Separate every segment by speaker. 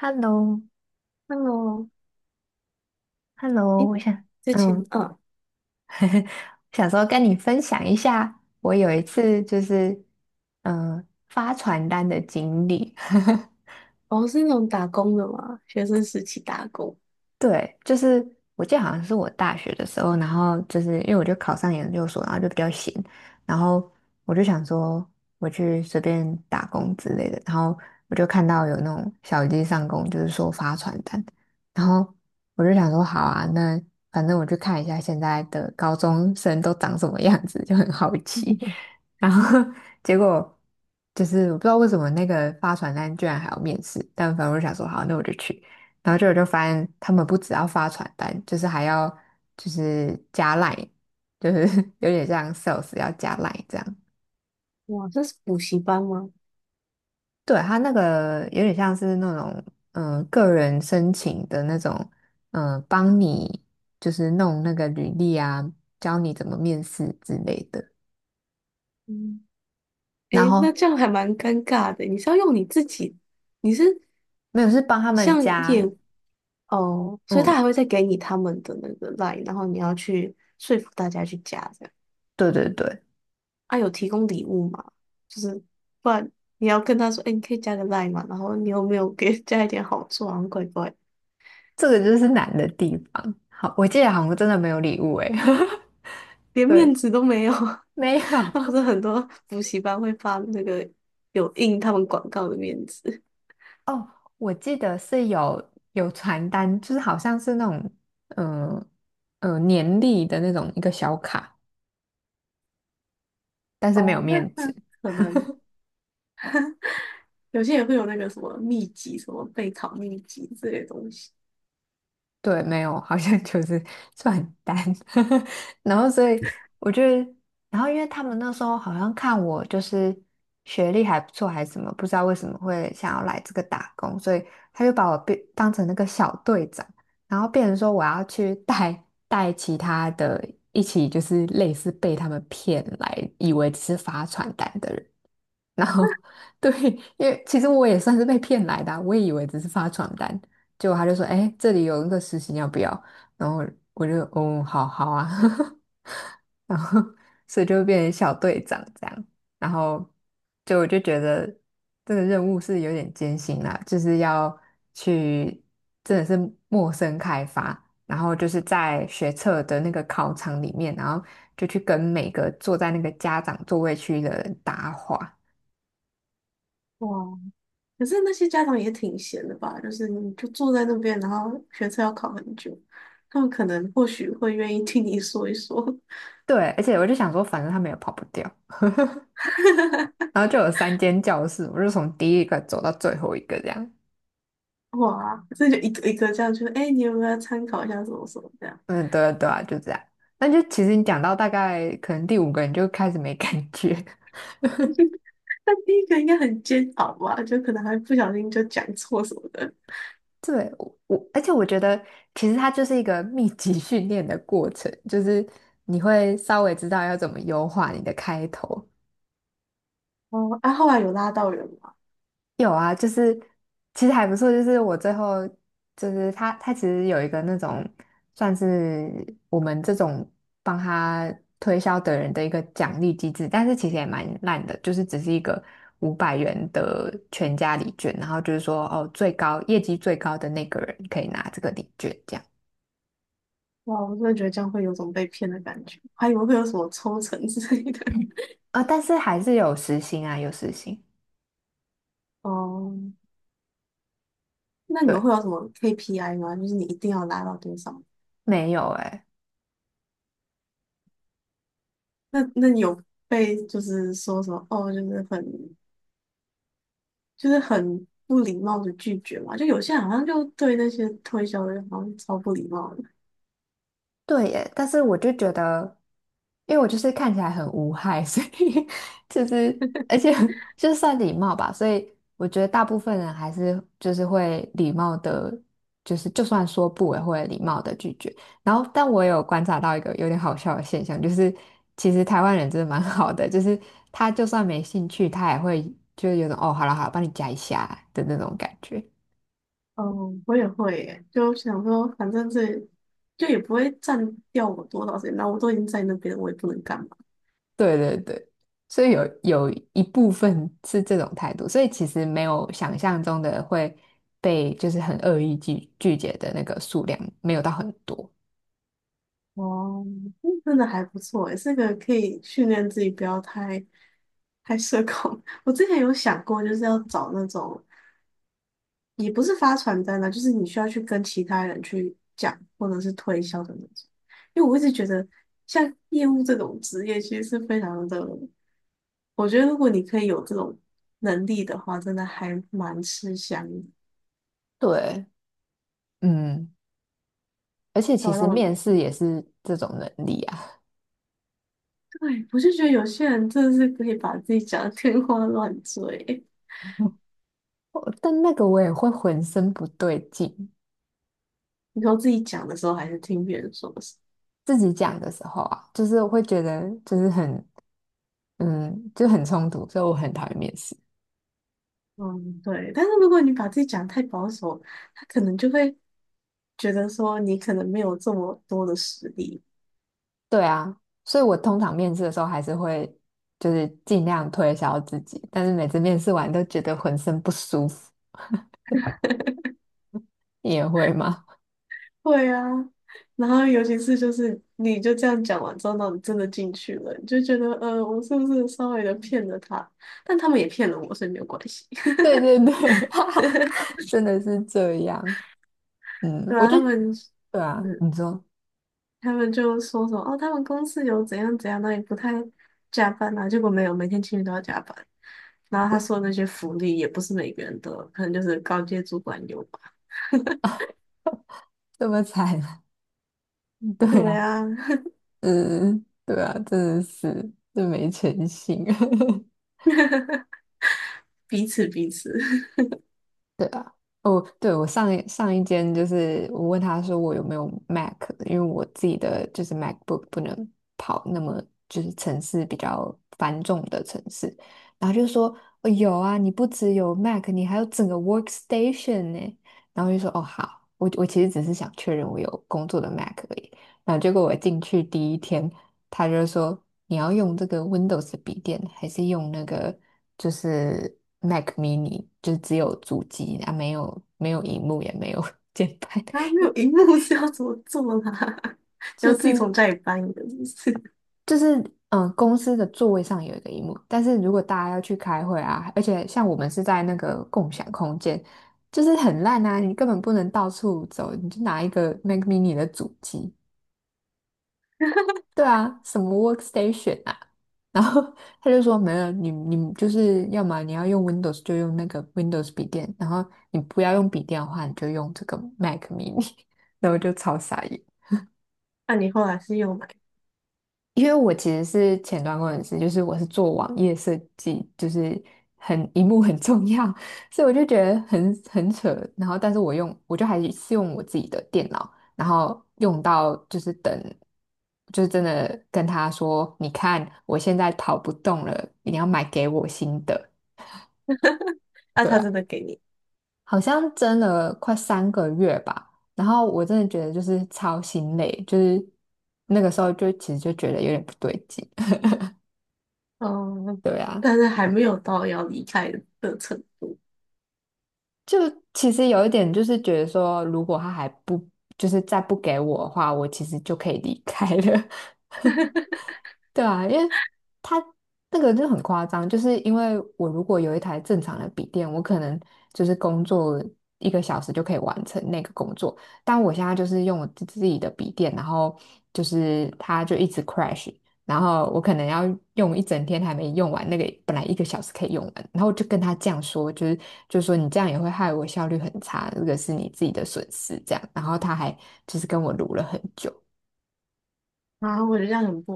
Speaker 1: Hello,Hello,
Speaker 2: Hello。哎，
Speaker 1: 我想，
Speaker 2: 之前
Speaker 1: 嗯，
Speaker 2: 啊。
Speaker 1: 想说跟你分享一下，我有一次就是，发传单的经历。
Speaker 2: 哦，是那种打工的嘛，学生时期打工。
Speaker 1: 对，就是我记得好像是我大学的时候，然后就是因为我就考上研究所，然后就比较闲，然后我就想说我去随便打工之类的，然后我就看到有那种小鸡上工，就是说发传单，然后我就想说好啊，那反正我去看一下现在的高中生都长什么样子，就很好奇，然后 结果就是我不知道为什么那个发传单居然还要面试，但反正我就想说好，那我就去。然后我就发现他们不只要发传单，就是还要就是加 line,就是 有点像 sales 要加 line 这样。
Speaker 2: 哇，这是补习班吗？
Speaker 1: 对，他那个有点像是那种个人申请的那种，帮你就是弄那个履历啊，教你怎么面试之类的。
Speaker 2: 嗯。哎，
Speaker 1: 然
Speaker 2: 那
Speaker 1: 后
Speaker 2: 这样还蛮尴尬的。你是要用你自己，你是
Speaker 1: 没有是帮他们
Speaker 2: 像
Speaker 1: 加，
Speaker 2: 业务。哦，所以他
Speaker 1: 嗯，
Speaker 2: 还会再给你他们的那个 line,然后你要去说服大家去加这样。
Speaker 1: 对对对，
Speaker 2: 啊，有提供礼物吗？就是不然你要跟他说，哎，你可以加个 line 嘛，然后你有没有给 加一点好处，啊？像怪怪
Speaker 1: 这个就是难的地方。好，我记得好像真的没有礼物诶，
Speaker 2: 连面
Speaker 1: 对，
Speaker 2: 子都没有。
Speaker 1: 没
Speaker 2: 那不
Speaker 1: 有。
Speaker 2: 是很多补习班会发那个有印他们广告的面子。
Speaker 1: 哦，我记得是有传单，就是好像是那种，嗯、年历的那种一个小卡，但是没
Speaker 2: 哦，
Speaker 1: 有
Speaker 2: 那
Speaker 1: 面纸。
Speaker 2: 那可能有些也会有那个什么秘籍、什么备考秘籍之类东西。
Speaker 1: 对，没有，好像就是 算很淡，然后所以我觉得，然后因为他们那时候好像看我就是学历还不错还是什么，不知道为什么会想要来这个打工，所以他就把我变当成那个小队长，然后变成说我要去带其他的一起就是类似被他们骗来，以为只是发传单的人。然后 对，因为其实我也算是被骗来的啊我也以为只是发传单，结果他就说："哎，这里有一个实习，你要不要？"然后我就哦，好好啊，然后所以就变成小队长这样，然后我就觉得这个任务是有点艰辛啦，就是要去真的是陌生开发。然后就是在学测的那个考场里面，然后就去跟每个坐在那个家长座位区的人搭话，
Speaker 2: 哇，可是那些家长也挺闲的吧？就是你就坐在那边，然后学测要考很久，他们可能或许会愿意听你说一说。
Speaker 1: 对，而且我就想说，反正他们也跑不掉，然后就有3间教室，我就从第一个走到最后一个这样。
Speaker 2: 哇，这就一个一个这样，就是哎，诶你有没有要参考一下什么什么这样？
Speaker 1: 嗯，对啊对啊，就这样。那就其实你讲到大概可能第五个，你就开始没感觉。
Speaker 2: 那第一个应该很煎熬吧，就可能还不小心就讲错什么的。
Speaker 1: 对，我而且我觉得其实它就是一个密集训练的过程，就是你会稍微知道要怎么优化你的开头，
Speaker 2: 哦，啊，后来有拉到人吗？
Speaker 1: 有啊，就是其实还不错，就是我最后就是他其实有一个那种算是我们这种帮他推销的人的一个奖励机制，但是其实也蛮烂的，就是只是一个500元的全家礼券，然后就是说哦，最高业绩最高的那个人可以拿这个礼券这样
Speaker 2: 哇，我真的觉得这样会有种被骗的感觉，还以为会有什么抽成之类的。
Speaker 1: 啊，但是还是有时薪啊，有时薪，
Speaker 2: 哦、那你们会
Speaker 1: 对，
Speaker 2: 有什么 KPI 吗？就是你一定要拉到多少？
Speaker 1: 没有诶、
Speaker 2: 那你有被就是说什么哦，就是很不礼貌的拒绝嘛？就有些人好像就对那些推销的人好像超不礼貌的。
Speaker 1: 对耶，但是我就觉得，因为我就是看起来很无害，所以 就是而且就算礼貌吧，所以我觉得大部分人还是就是会礼貌的，就是就算说不也会礼貌的拒绝。然后，但我有观察到一个有点好笑的现象，就是其实台湾人真的蛮 好的，就是他就算没兴趣，他也会就是有种哦，好了好了，帮你加一下的那种感觉。
Speaker 2: 嗯，我也会耶，就想说，反正这就也不会占掉我多少时间，那我都已经在那边了，我也不能干嘛。
Speaker 1: 对对对，所以有一部分是这种态度，所以其实没有想象中的会被就是很恶意拒绝的那个数量没有到很多，
Speaker 2: 哦，嗯真的还不错诶，这个可以训练自己不要太社恐。我之前有想过，就是要找那种也不是发传单啦，就是你需要去跟其他人去讲，或者是推销的那种。因为我一直觉得，像业务这种职业，其实是非常的，我觉得如果你可以有这种能力的话，真的还蛮吃香的。
Speaker 1: 对，嗯，而且
Speaker 2: 对
Speaker 1: 其
Speaker 2: 啊，
Speaker 1: 实
Speaker 2: 让我，
Speaker 1: 面试
Speaker 2: 嗯，
Speaker 1: 也是这种能力啊，
Speaker 2: 对，我就觉得有些人真的是可以把自己讲的天花乱坠。
Speaker 1: 我但那个我也会浑身不对劲，
Speaker 2: 你说自己讲的时候，还是听别人说的时候。
Speaker 1: 自己讲的时候啊，就是我会觉得就是很就很冲突，所以我很讨厌面试。
Speaker 2: 嗯，对。但是如果你把自己讲得太保守，他可能就会觉得说你可能没有这么多的实力。
Speaker 1: 对啊，所以我通常面试的时候还是会就是尽量推销自己，但是每次面试完都觉得浑身不舒服。你也会吗？
Speaker 2: 对啊，然后尤其是就是你就这样讲完之后，那你真的进去了，你就觉得我是不是稍微的骗了他？但他们也骗了我，所以没有关系。
Speaker 1: 对对对，哈哈，真的是这样。嗯，
Speaker 2: 对
Speaker 1: 我
Speaker 2: 啊，
Speaker 1: 就
Speaker 2: 他们。
Speaker 1: 对啊，
Speaker 2: 嗯。
Speaker 1: 你说
Speaker 2: 他们就说什么哦，他们公司有怎样怎样，那也不太加班啊，结果没有，每天情侣都要加班。然后他说的那些福利也不是每个人都有，可能就是高阶主管有吧。
Speaker 1: 这么惨，对
Speaker 2: 对
Speaker 1: 啊，
Speaker 2: 啊，
Speaker 1: 嗯，对啊，真的是这没诚信。
Speaker 2: 彼此彼此，
Speaker 1: 对啊，哦，对，我上一间就是我问他说我有没有 Mac,因为我自己的就是 MacBook 不能跑那么就是城市比较繁重的城市，然后就说、哦、有啊，你不只有 Mac,你还有整个 Workstation 呢。然后就说哦好，我其实只是想确认我有工作的 Mac 而已。然后结果我进去第一天，他就说。你要用这个 Windows 的笔电，还是用那个就是 Mac mini,就是只有主机啊，没有荧幕，也没有 键盘，
Speaker 2: 啊，没有荧幕是要怎么做啦？要
Speaker 1: 就
Speaker 2: 自己
Speaker 1: 是
Speaker 2: 从家里搬一个，是不是
Speaker 1: 就是公司的座位上有一个荧幕，但是如果大家要去开会啊，而且像我们是在那个共享空间，就是很烂啊，你根本不能到处走，你就拿一个 Mac mini 的主机，对啊，什么 workstation 啊？然后他就说没有，你就是要么你要用 Windows 就用那个 Windows 笔电，然后你不要用笔电的话，你就用这个 Mac mini。然后我就超傻眼。
Speaker 2: 那、你后来是又买？
Speaker 1: 因为我其实是前端工程师，就是我是做网页设计，就是很一幕很重要，所以我就觉得很扯。然后，但是我还是用我自己的电脑，然后用到就是等，就是真的跟他说，你看我现在跑不动了，你要买给我新的，
Speaker 2: 那、
Speaker 1: 对
Speaker 2: 他真
Speaker 1: 啊，
Speaker 2: 的给你？
Speaker 1: 好像真了快三个月吧。然后我真的觉得就是超心累，就是那个时候就其实就觉得有点不对劲，
Speaker 2: 哦，
Speaker 1: 对啊。
Speaker 2: 但是还没有到要离开的程度，
Speaker 1: 就其实有一点就是觉得说，如果他还不就是再不给我的话，我其实就可以离开了。对啊，因为他那个就很夸张，就是因为我如果有1台正常的笔电，我可能就是工作一个小时就可以完成那个工作，但我现在就是用我自己的笔电，然后就是它就一直 crash,然后我可能要用一整天还没用完那个本来一个小时可以用完，然后我就跟他这样说，就是就说你这样也会害我效率很差，这个是你自己的损失这样，然后他还就是跟我撸了很久。
Speaker 2: 然后我觉得这样很不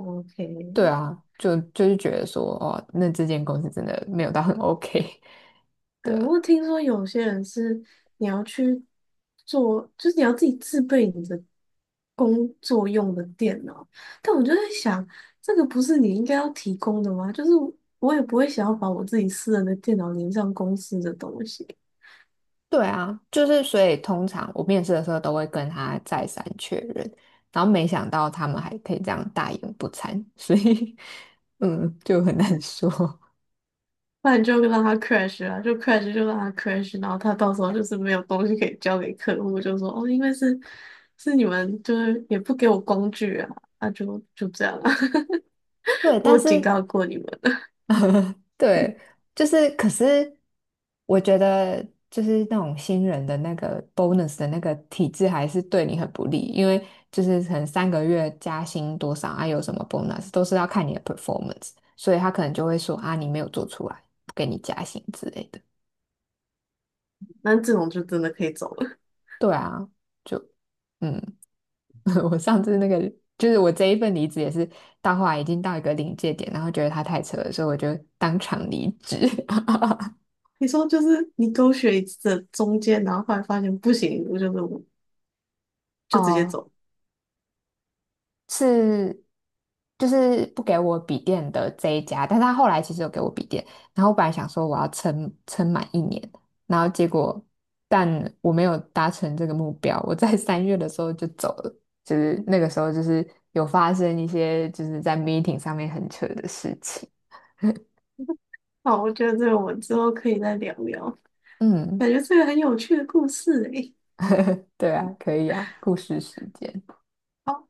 Speaker 1: 对
Speaker 2: OK。
Speaker 1: 啊，就是觉得说，哦，那这间公司真的没有到很 OK,对
Speaker 2: 对，
Speaker 1: 啊，
Speaker 2: 我听说有些人是你要去做，就是你要自己自备你的工作用的电脑，但我就在想，这个不是你应该要提供的吗？就是我也不会想要把我自己私人的电脑连上公司的东西，
Speaker 1: 对啊，就是所以通常我面试的时候都会跟他再三确认，然后没想到他们还可以这样大言不惭，所以 嗯，就很难说。
Speaker 2: 不然就让它 crash 啊，就 crash 就让它 crash,然后他到时候就是没有东西可以交给客户，就说哦，因为是你们就是也不给我工具啊，那就就这样啊，
Speaker 1: 对，但
Speaker 2: 我警
Speaker 1: 是
Speaker 2: 告过你们。
Speaker 1: 对，就是，可是我觉得，就是那种新人的那个 bonus 的那个体制还是对你很不利，因为就是可能三个月加薪多少啊，有什么 bonus 都是要看你的 performance,所以他可能就会说啊，你没有做出来，不给你加薪之类的。
Speaker 2: 那这种就真的可以走了。
Speaker 1: 对啊，就嗯，我上次那个就是我这一份离职也是到后来已经到一个临界点，然后觉得他太扯了，所以我就当场离职。
Speaker 2: 你说就是你勾选一次的中间，然后后来发现不行，我就直接
Speaker 1: 哦
Speaker 2: 走。
Speaker 1: 是就是不给我笔电的这一家，但是他后来其实有给我笔电，然后我本来想说我要撑满1年，然后结果但我没有达成这个目标，我在三月的时候就走了，就是那个时候就是有发生一些就是在 meeting 上面很扯的事情，
Speaker 2: 好，我觉得这个我们之后可以再聊聊，感
Speaker 1: 嗯，
Speaker 2: 觉这个很有趣的故事诶。
Speaker 1: 对啊，可以啊，故事时间。
Speaker 2: 好